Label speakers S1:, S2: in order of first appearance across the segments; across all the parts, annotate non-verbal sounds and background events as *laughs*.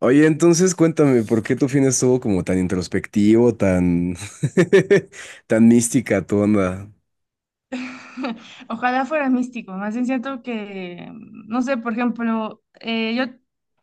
S1: Oye, entonces cuéntame, ¿por qué tu fin estuvo como tan introspectivo, tan, *laughs* tan mística tu onda?
S2: *laughs* Ojalá fuera místico, más bien siento que, no sé, por ejemplo,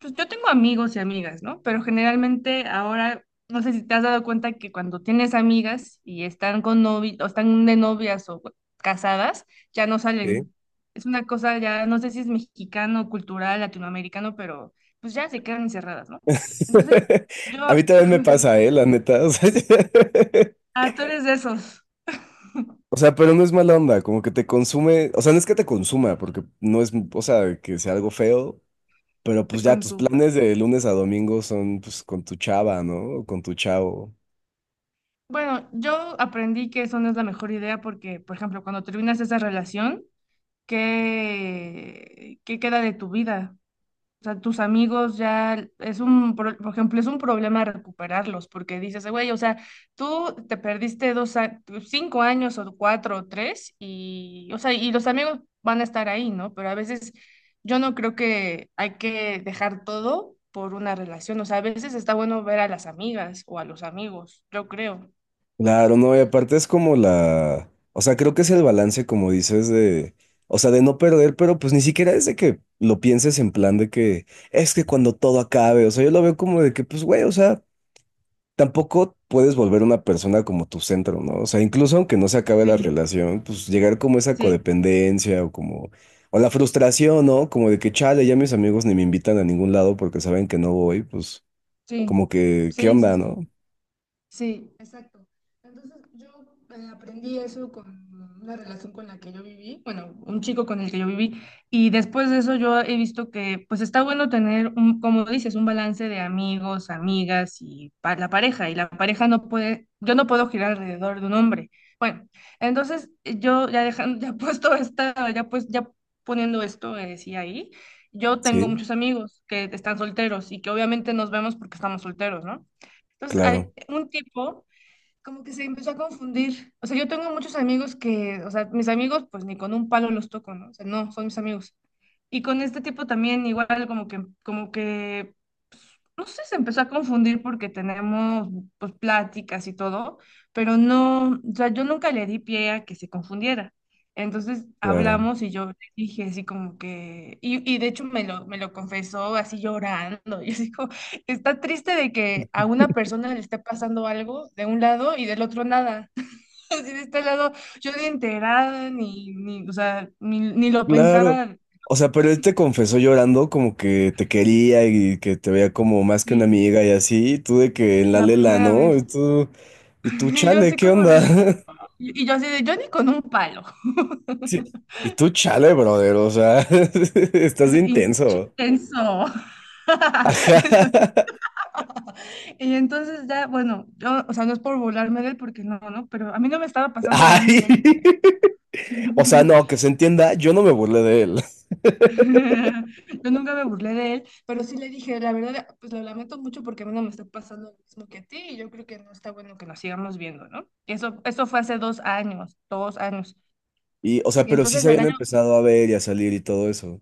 S2: pues yo tengo amigos y amigas, ¿no? Pero generalmente ahora, no sé si te has dado cuenta que cuando tienes amigas y están con novi o están de novias o casadas, ya no
S1: ¿Sí?
S2: salen. Es una cosa ya, no sé si es mexicano, cultural, latinoamericano, pero pues ya se quedan encerradas, ¿no? Entonces,
S1: *laughs*
S2: yo,
S1: A mí también me
S2: *laughs*
S1: pasa, ¿eh? La neta. O sea,
S2: ah, tú eres de esos,
S1: *laughs* o sea, pero no es mala onda, como que te consume, o sea, no es que te consuma, porque no es, o sea, que sea algo feo, pero pues
S2: de-
S1: ya
S2: con
S1: tus
S2: su
S1: planes de lunes a domingo son pues con tu chava, ¿no? O con tu chavo.
S2: bueno, yo aprendí que eso no es la mejor idea porque, por ejemplo, cuando terminas esa relación, ¿qué queda de tu vida? O sea, tus amigos ya es por ejemplo, es un problema recuperarlos porque dices, güey, o sea, tú te perdiste 5 años o 4 o 3 y, o sea, y los amigos van a estar ahí, ¿no? Pero a veces yo no creo que hay que dejar todo por una relación. O sea, a veces está bueno ver a las amigas o a los amigos, yo creo.
S1: Claro, no, y aparte es como la, o sea, creo que es el balance, como dices, de, o sea, de no perder, pero pues ni siquiera es de que lo pienses en plan de que es que cuando todo acabe, o sea, yo lo veo como de que, pues, güey, o sea, tampoco puedes volver una persona como tu centro, ¿no? O sea, incluso aunque no se acabe la relación, pues llegar como esa
S2: Sí,
S1: codependencia o como, o la frustración, ¿no? Como de que, chale, ya mis amigos ni me invitan a ningún lado porque saben que no voy, pues,
S2: sí,
S1: como que, ¿qué
S2: sí, sí,
S1: onda,
S2: sí.
S1: no?
S2: Sí, exacto. Entonces yo aprendí eso con una relación con la que yo viví, bueno, un chico con el que yo viví, y después de eso yo he visto que pues está bueno tener, un, como dices, un balance de amigos, amigas y la pareja, y la pareja no puede, yo no puedo girar alrededor de un hombre. Bueno, entonces yo ya dejando, ya *laughs* puesto esta, ya pues, ya poniendo esto, sí, ahí, yo tengo
S1: Sí,
S2: muchos amigos que están solteros y que obviamente nos vemos porque estamos solteros, ¿no? Entonces, hay
S1: claro,
S2: un tipo como que se empezó a confundir. O sea, yo tengo muchos amigos que, o sea, mis amigos pues ni con un palo los toco, ¿no? O sea, no, son mis amigos. Y con este tipo también igual como que, pues, no sé, se empezó a confundir porque tenemos pues pláticas y todo, pero no, o sea, yo nunca le di pie a que se confundiera. Entonces
S1: claro.
S2: hablamos y yo le dije así como que, y de hecho me lo confesó así llorando, *laughs* y así como, está triste de que a una persona le esté pasando algo de un lado y del otro nada. *laughs* Así de este lado, yo ni enterada, ni, o sea, ni lo
S1: Claro.
S2: pensaba
S1: O sea, pero él te confesó llorando como que te quería y que te veía como más que una
S2: sí,
S1: amiga y así, y tú de que en la
S2: la
S1: lela,
S2: primera
S1: ¿no?
S2: vez. *laughs*
S1: Y tú,
S2: Y yo
S1: chale,
S2: así
S1: ¿qué
S2: como
S1: onda?
S2: de,
S1: *laughs*
S2: y yo así de, yo ni con un palo.
S1: Sí. Y tú, chale, brother, o sea, *laughs* estás de
S2: *laughs* Y
S1: intenso.
S2: tenso.
S1: Ajá.
S2: *laughs* Y entonces ya, bueno, yo, o sea, no es por burlarme de él porque no, ¿no? Pero a mí no me estaba
S1: *laughs*
S2: pasando lo mismo,
S1: Ay.
S2: le dije.
S1: O sea, no,
S2: *laughs*
S1: que se entienda, yo no me burlé de él.
S2: *laughs* Yo nunca me burlé de él, pero sí le dije, la verdad, pues lo lamento mucho porque a mí no me está pasando lo mismo que a ti y yo creo que no está bueno que nos sigamos viendo, ¿no? Eso fue hace 2 años, 2 años.
S1: Y, o sea,
S2: Y
S1: pero sí
S2: entonces
S1: se habían empezado a ver y a salir y todo eso.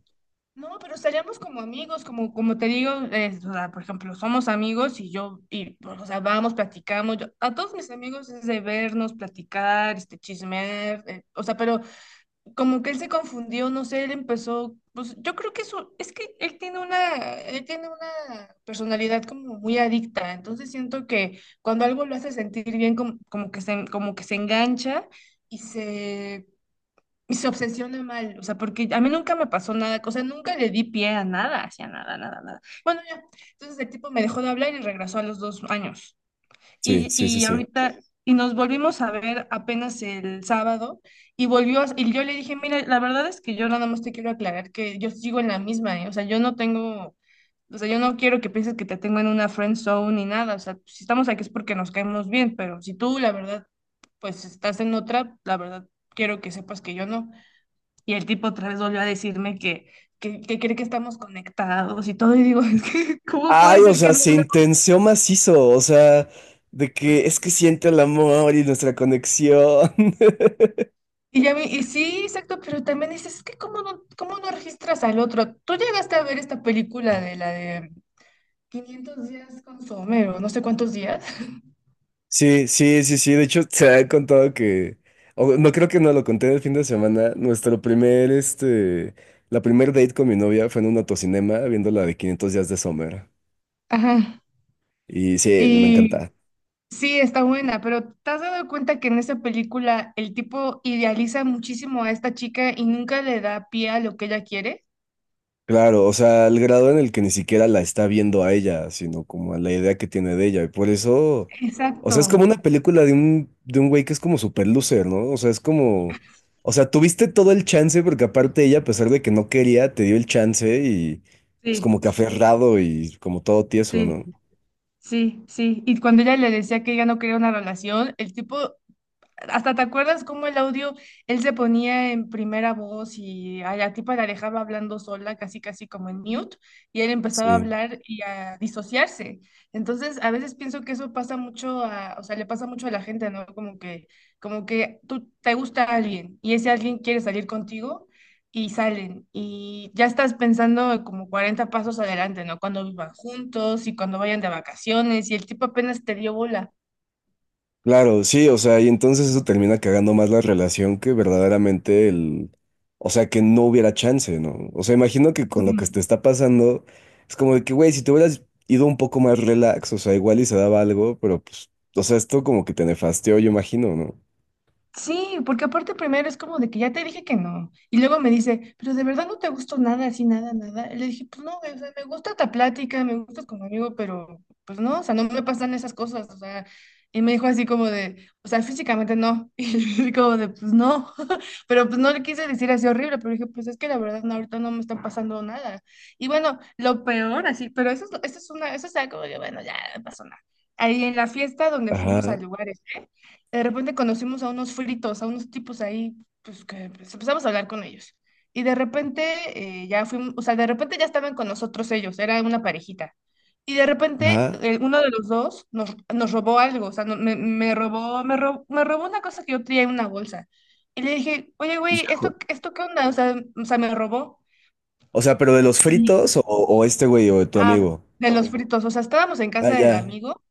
S2: no, pero estaríamos como amigos, como, como te digo, o sea, por ejemplo, somos amigos y pues, o sea, vamos, platicamos, a todos mis amigos es de vernos, platicar, este, chismear, o sea, pero como que él se confundió, no sé, él empezó, pues yo creo que eso, es que él tiene una personalidad como muy adicta, entonces siento que cuando algo lo hace sentir bien, como que se engancha y se obsesiona mal, o sea, porque a mí nunca me pasó nada, o sea, nunca le di pie a nada, hacia nada, nada, nada. Bueno, ya, entonces el tipo me dejó de hablar y regresó a los 2 años.
S1: Sí,
S2: Y,
S1: sí, sí,
S2: y
S1: sí.
S2: ahorita, y nos volvimos a ver apenas el sábado, y volvió, y yo le dije, mira, la verdad es que yo nada más te quiero aclarar que yo sigo en la misma, ¿eh? O sea, yo no tengo, o sea, yo no quiero que pienses que te tengo en una friend zone ni nada, o sea, si estamos aquí es porque nos caemos bien, pero si tú, la verdad, pues estás en otra, la verdad, quiero que sepas que yo no. Y el tipo otra vez volvió a decirme que, que cree que estamos conectados y todo, y digo, *laughs* es que, ¿cómo
S1: Ay,
S2: puede
S1: o
S2: ser que
S1: sea,
S2: de
S1: se intenció macizo, o sea, de que es que siente el amor y nuestra conexión. *laughs*
S2: y, ya, y sí, exacto, pero también dices, es que cómo no registras al otro. Tú llegaste a ver esta película de la de 500 días con Somero, no sé cuántos días.
S1: Sí, sí, sí, sí, de hecho se ha contado que, o no creo que no lo conté el fin de semana, nuestro primer la primer date con mi novia fue en un autocinema viendo la de 500 días de Sommer.
S2: *laughs* Ajá.
S1: Y sí, me
S2: Y
S1: encanta.
S2: sí, está buena, pero ¿te has dado cuenta que en esa película el tipo idealiza muchísimo a esta chica y nunca le da pie a lo que ella quiere?
S1: Claro, o sea, al grado en el que ni siquiera la está viendo a ella, sino como a la idea que tiene de ella. Y por eso, o
S2: Exacto.
S1: sea, es como una película de un güey que es como super loser, ¿no? O sea, es como, o sea, tuviste todo el chance porque aparte ella, a pesar de que no quería, te dio el chance y pues
S2: Sí,
S1: como que aferrado y como todo tieso,
S2: sí,
S1: ¿no?
S2: sí, sí. Y cuando ella le decía que ella no quería una relación, el tipo hasta te acuerdas cómo el audio, él se ponía en primera voz y a la tipa la dejaba hablando sola, casi casi como en mute, y él empezaba a
S1: Sí.
S2: hablar y a disociarse. Entonces, a veces pienso que eso pasa mucho o sea, le pasa mucho a la gente, ¿no? como que, tú te gusta alguien y ese alguien quiere salir contigo y salen y ya estás pensando como 40 pasos adelante, ¿no? Cuando vivan juntos y cuando vayan de vacaciones y el tipo apenas te dio bola.
S1: Claro, sí, o sea, y entonces eso termina cagando más la relación que verdaderamente el, o sea, que no hubiera chance, ¿no? O sea, imagino que con lo que te está pasando, es como de que, güey, si te hubieras ido un poco más relax, o sea, igual y se daba algo, pero pues, o sea, esto como que te nefasteó, yo imagino, ¿no?
S2: Sí, porque aparte primero es como de que ya te dije que no. Y luego me dice, pero de verdad no te gustó nada, así, nada, nada. Y le dije, pues no, güey, o sea, me gusta esta plática, me gustas como amigo, pero pues no, o sea, no me pasan esas cosas, o sea. Y me dijo así como de, o sea, físicamente no. *laughs* Y yo así como de, pues no. *laughs* Pero pues no le quise decir así horrible, pero dije, pues es que la verdad no, ahorita no me está pasando nada. Y bueno, lo peor así, pero eso es una, eso es algo de, bueno, ya no pasó nada. Ahí en la fiesta donde fuimos a
S1: Ajá,
S2: lugares. De repente conocimos a unos fritos, a unos tipos ahí, pues que pues, empezamos a hablar con ellos. Y de repente ya fuimos, o sea, de repente ya estaban con nosotros ellos, era una parejita. Y de repente
S1: ajá,
S2: uno de los dos nos, nos robó algo, o sea, me robó una cosa que yo traía en una bolsa. Y le dije, oye, güey,
S1: híjole.
S2: ¿esto qué onda? O sea, me robó.
S1: O sea, pero de los
S2: Y,
S1: fritos o este güey o de tu
S2: ah,
S1: amigo.
S2: de los fritos, o sea, estábamos en
S1: Ah,
S2: casa del
S1: ya,
S2: amigo.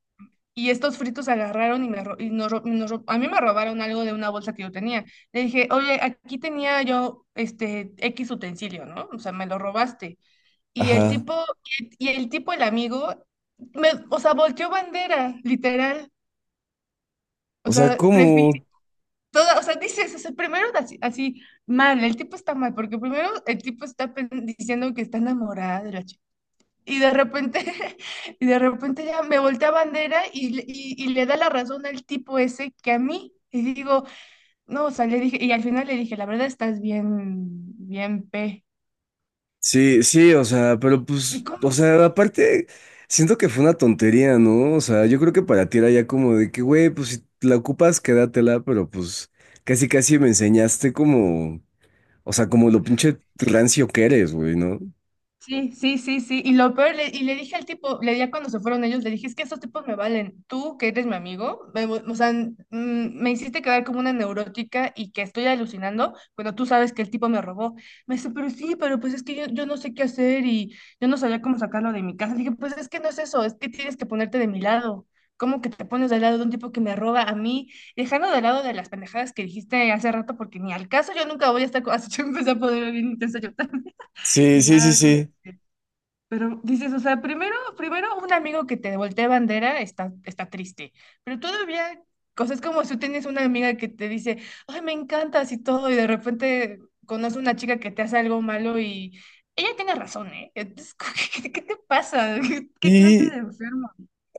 S2: Y estos fritos agarraron y, me, ro- y nos, ro- y nos ro- a mí me robaron algo de una bolsa que yo tenía. Le dije, oye, aquí tenía yo este X utensilio, ¿no? O sea, me lo robaste. Y el
S1: ajá.
S2: tipo, y el tipo, el amigo, o sea, volteó bandera, literal.
S1: O
S2: O
S1: sea,
S2: sea, prefiero,
S1: ¿cómo?
S2: toda, o sea, dices, o sea, primero así, mal, el tipo está mal, porque primero el tipo está diciendo que está enamorado, de la y de repente, *laughs* y de repente ya me voltea bandera y le da la razón al tipo ese que a mí. Y digo, no, o sea, le dije, y al final le dije, la verdad estás bien, bien P.
S1: Sí, sí, o sea, pero pues, o
S2: *laughs*
S1: sea, aparte, siento que fue una tontería, ¿no? O sea, yo creo que para ti era ya como de que, güey, pues si la ocupas, quédatela, pero pues casi casi me enseñaste como, o sea, como lo pinche rancio que eres, güey, ¿no?
S2: Sí, sí, sí, sí. Y lo peor, y le dije al tipo, le dije cuando se fueron ellos, le dije, es que estos tipos me valen. Tú, que eres mi amigo, o sea, me hiciste quedar como una neurótica y que estoy alucinando cuando tú sabes que el tipo me robó. Me dice, pero sí, pero pues es que yo no sé qué hacer y yo no sabía cómo sacarlo de mi casa. Le dije, pues es que no es eso, es que tienes que ponerte de mi lado. ¿Cómo que te pones del lado de un tipo que me roba a mí? Dejando de lado de las pendejadas que dijiste hace rato, porque ni al caso yo nunca voy a estar, *laughs* así yo empecé a poder bien intenso yo también. *laughs*
S1: Sí,
S2: Y
S1: sí, sí,
S2: ya como...
S1: sí.
S2: Pero dices, o sea, primero un amigo que te voltea bandera está triste, pero todavía cosas como si tú tienes una amiga que te dice, ay, me encantas y todo, y de repente conoces una chica que te hace algo malo y ella tiene razón, ¿eh? Entonces, *laughs* como ¿qué te pasa? ¿Qué clase
S1: Y,
S2: de enfermo?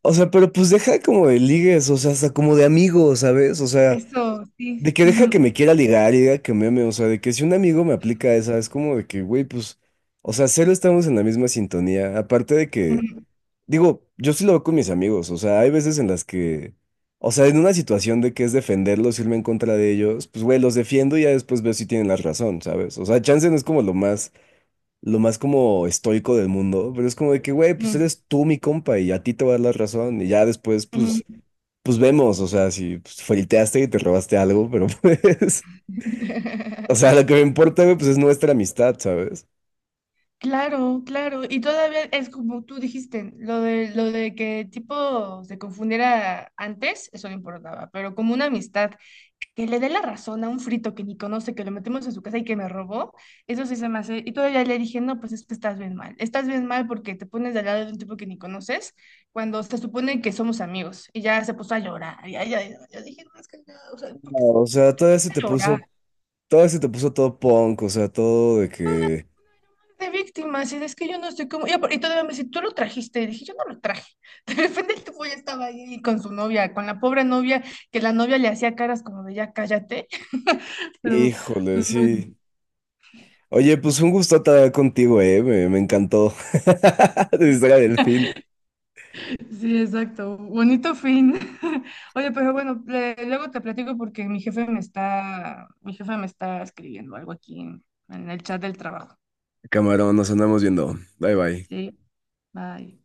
S1: o sea, pero pues deja como de ligues, o sea, hasta como de amigos, ¿sabes? O sea,
S2: Eso, sí.
S1: de que deja que
S2: Ujú,
S1: me quiera ligar y diga que me ame, o sea, de que si un amigo me aplica esa, es como de que, güey, pues, o sea, cero estamos en la misma sintonía. Aparte de que,
S2: ujú,
S1: digo, yo sí lo veo con mis amigos, o sea, hay veces en las que, o sea, en una situación de que es defenderlos, irme en contra de ellos, pues, güey, los defiendo y ya después veo si tienen la razón, ¿sabes? O sea, chance no es como lo más como estoico del mundo, pero es como de que, güey, pues eres tú mi compa y a ti te va a dar la razón y ya después,
S2: ujú,
S1: pues,
S2: ujú.
S1: pues vemos, o sea, si pues, flirteaste y te robaste algo, pero pues. *laughs* O sea, lo
S2: *laughs*
S1: que me importa, güey, pues es nuestra amistad, ¿sabes?
S2: Claro, claro. Y todavía es como tú dijiste, lo de que tipo se confundiera antes, eso no importaba, pero como una amistad que le dé la razón a un frito que ni conoce, que lo metemos en su casa y que me robó, eso sí se me hace. Y todavía le dije, no, pues es que estás bien mal. Estás bien mal porque te pones del lado de un tipo que ni conoces cuando se supone que somos amigos. Y ya se puso a llorar. Y ya, ya, ya, yo dije, no, es que no, o sea, ¿por
S1: No,
S2: qué,
S1: o
S2: pues, por
S1: sea,
S2: qué se pone a llorar?
S1: todavía se te puso todo punk, o sea, todo de que,
S2: De víctimas, y es que yo no estoy como, y todavía me dice, tú lo trajiste, y dije, yo no lo traje, *laughs* de repente el tipo ya estaba ahí con su novia, con la pobre novia, que la novia le hacía caras como de ya cállate, *laughs* pero
S1: híjole, sí. Oye, pues un gusto estar contigo, me encantó. *laughs* De historia del
S2: pues,
S1: fin.
S2: sí, exacto, bonito fin, *laughs* oye, pero bueno, luego te platico porque mi jefe me está escribiendo algo aquí en el chat del trabajo,
S1: Camarón, nos andamos viendo. Bye, bye.
S2: sí, bye.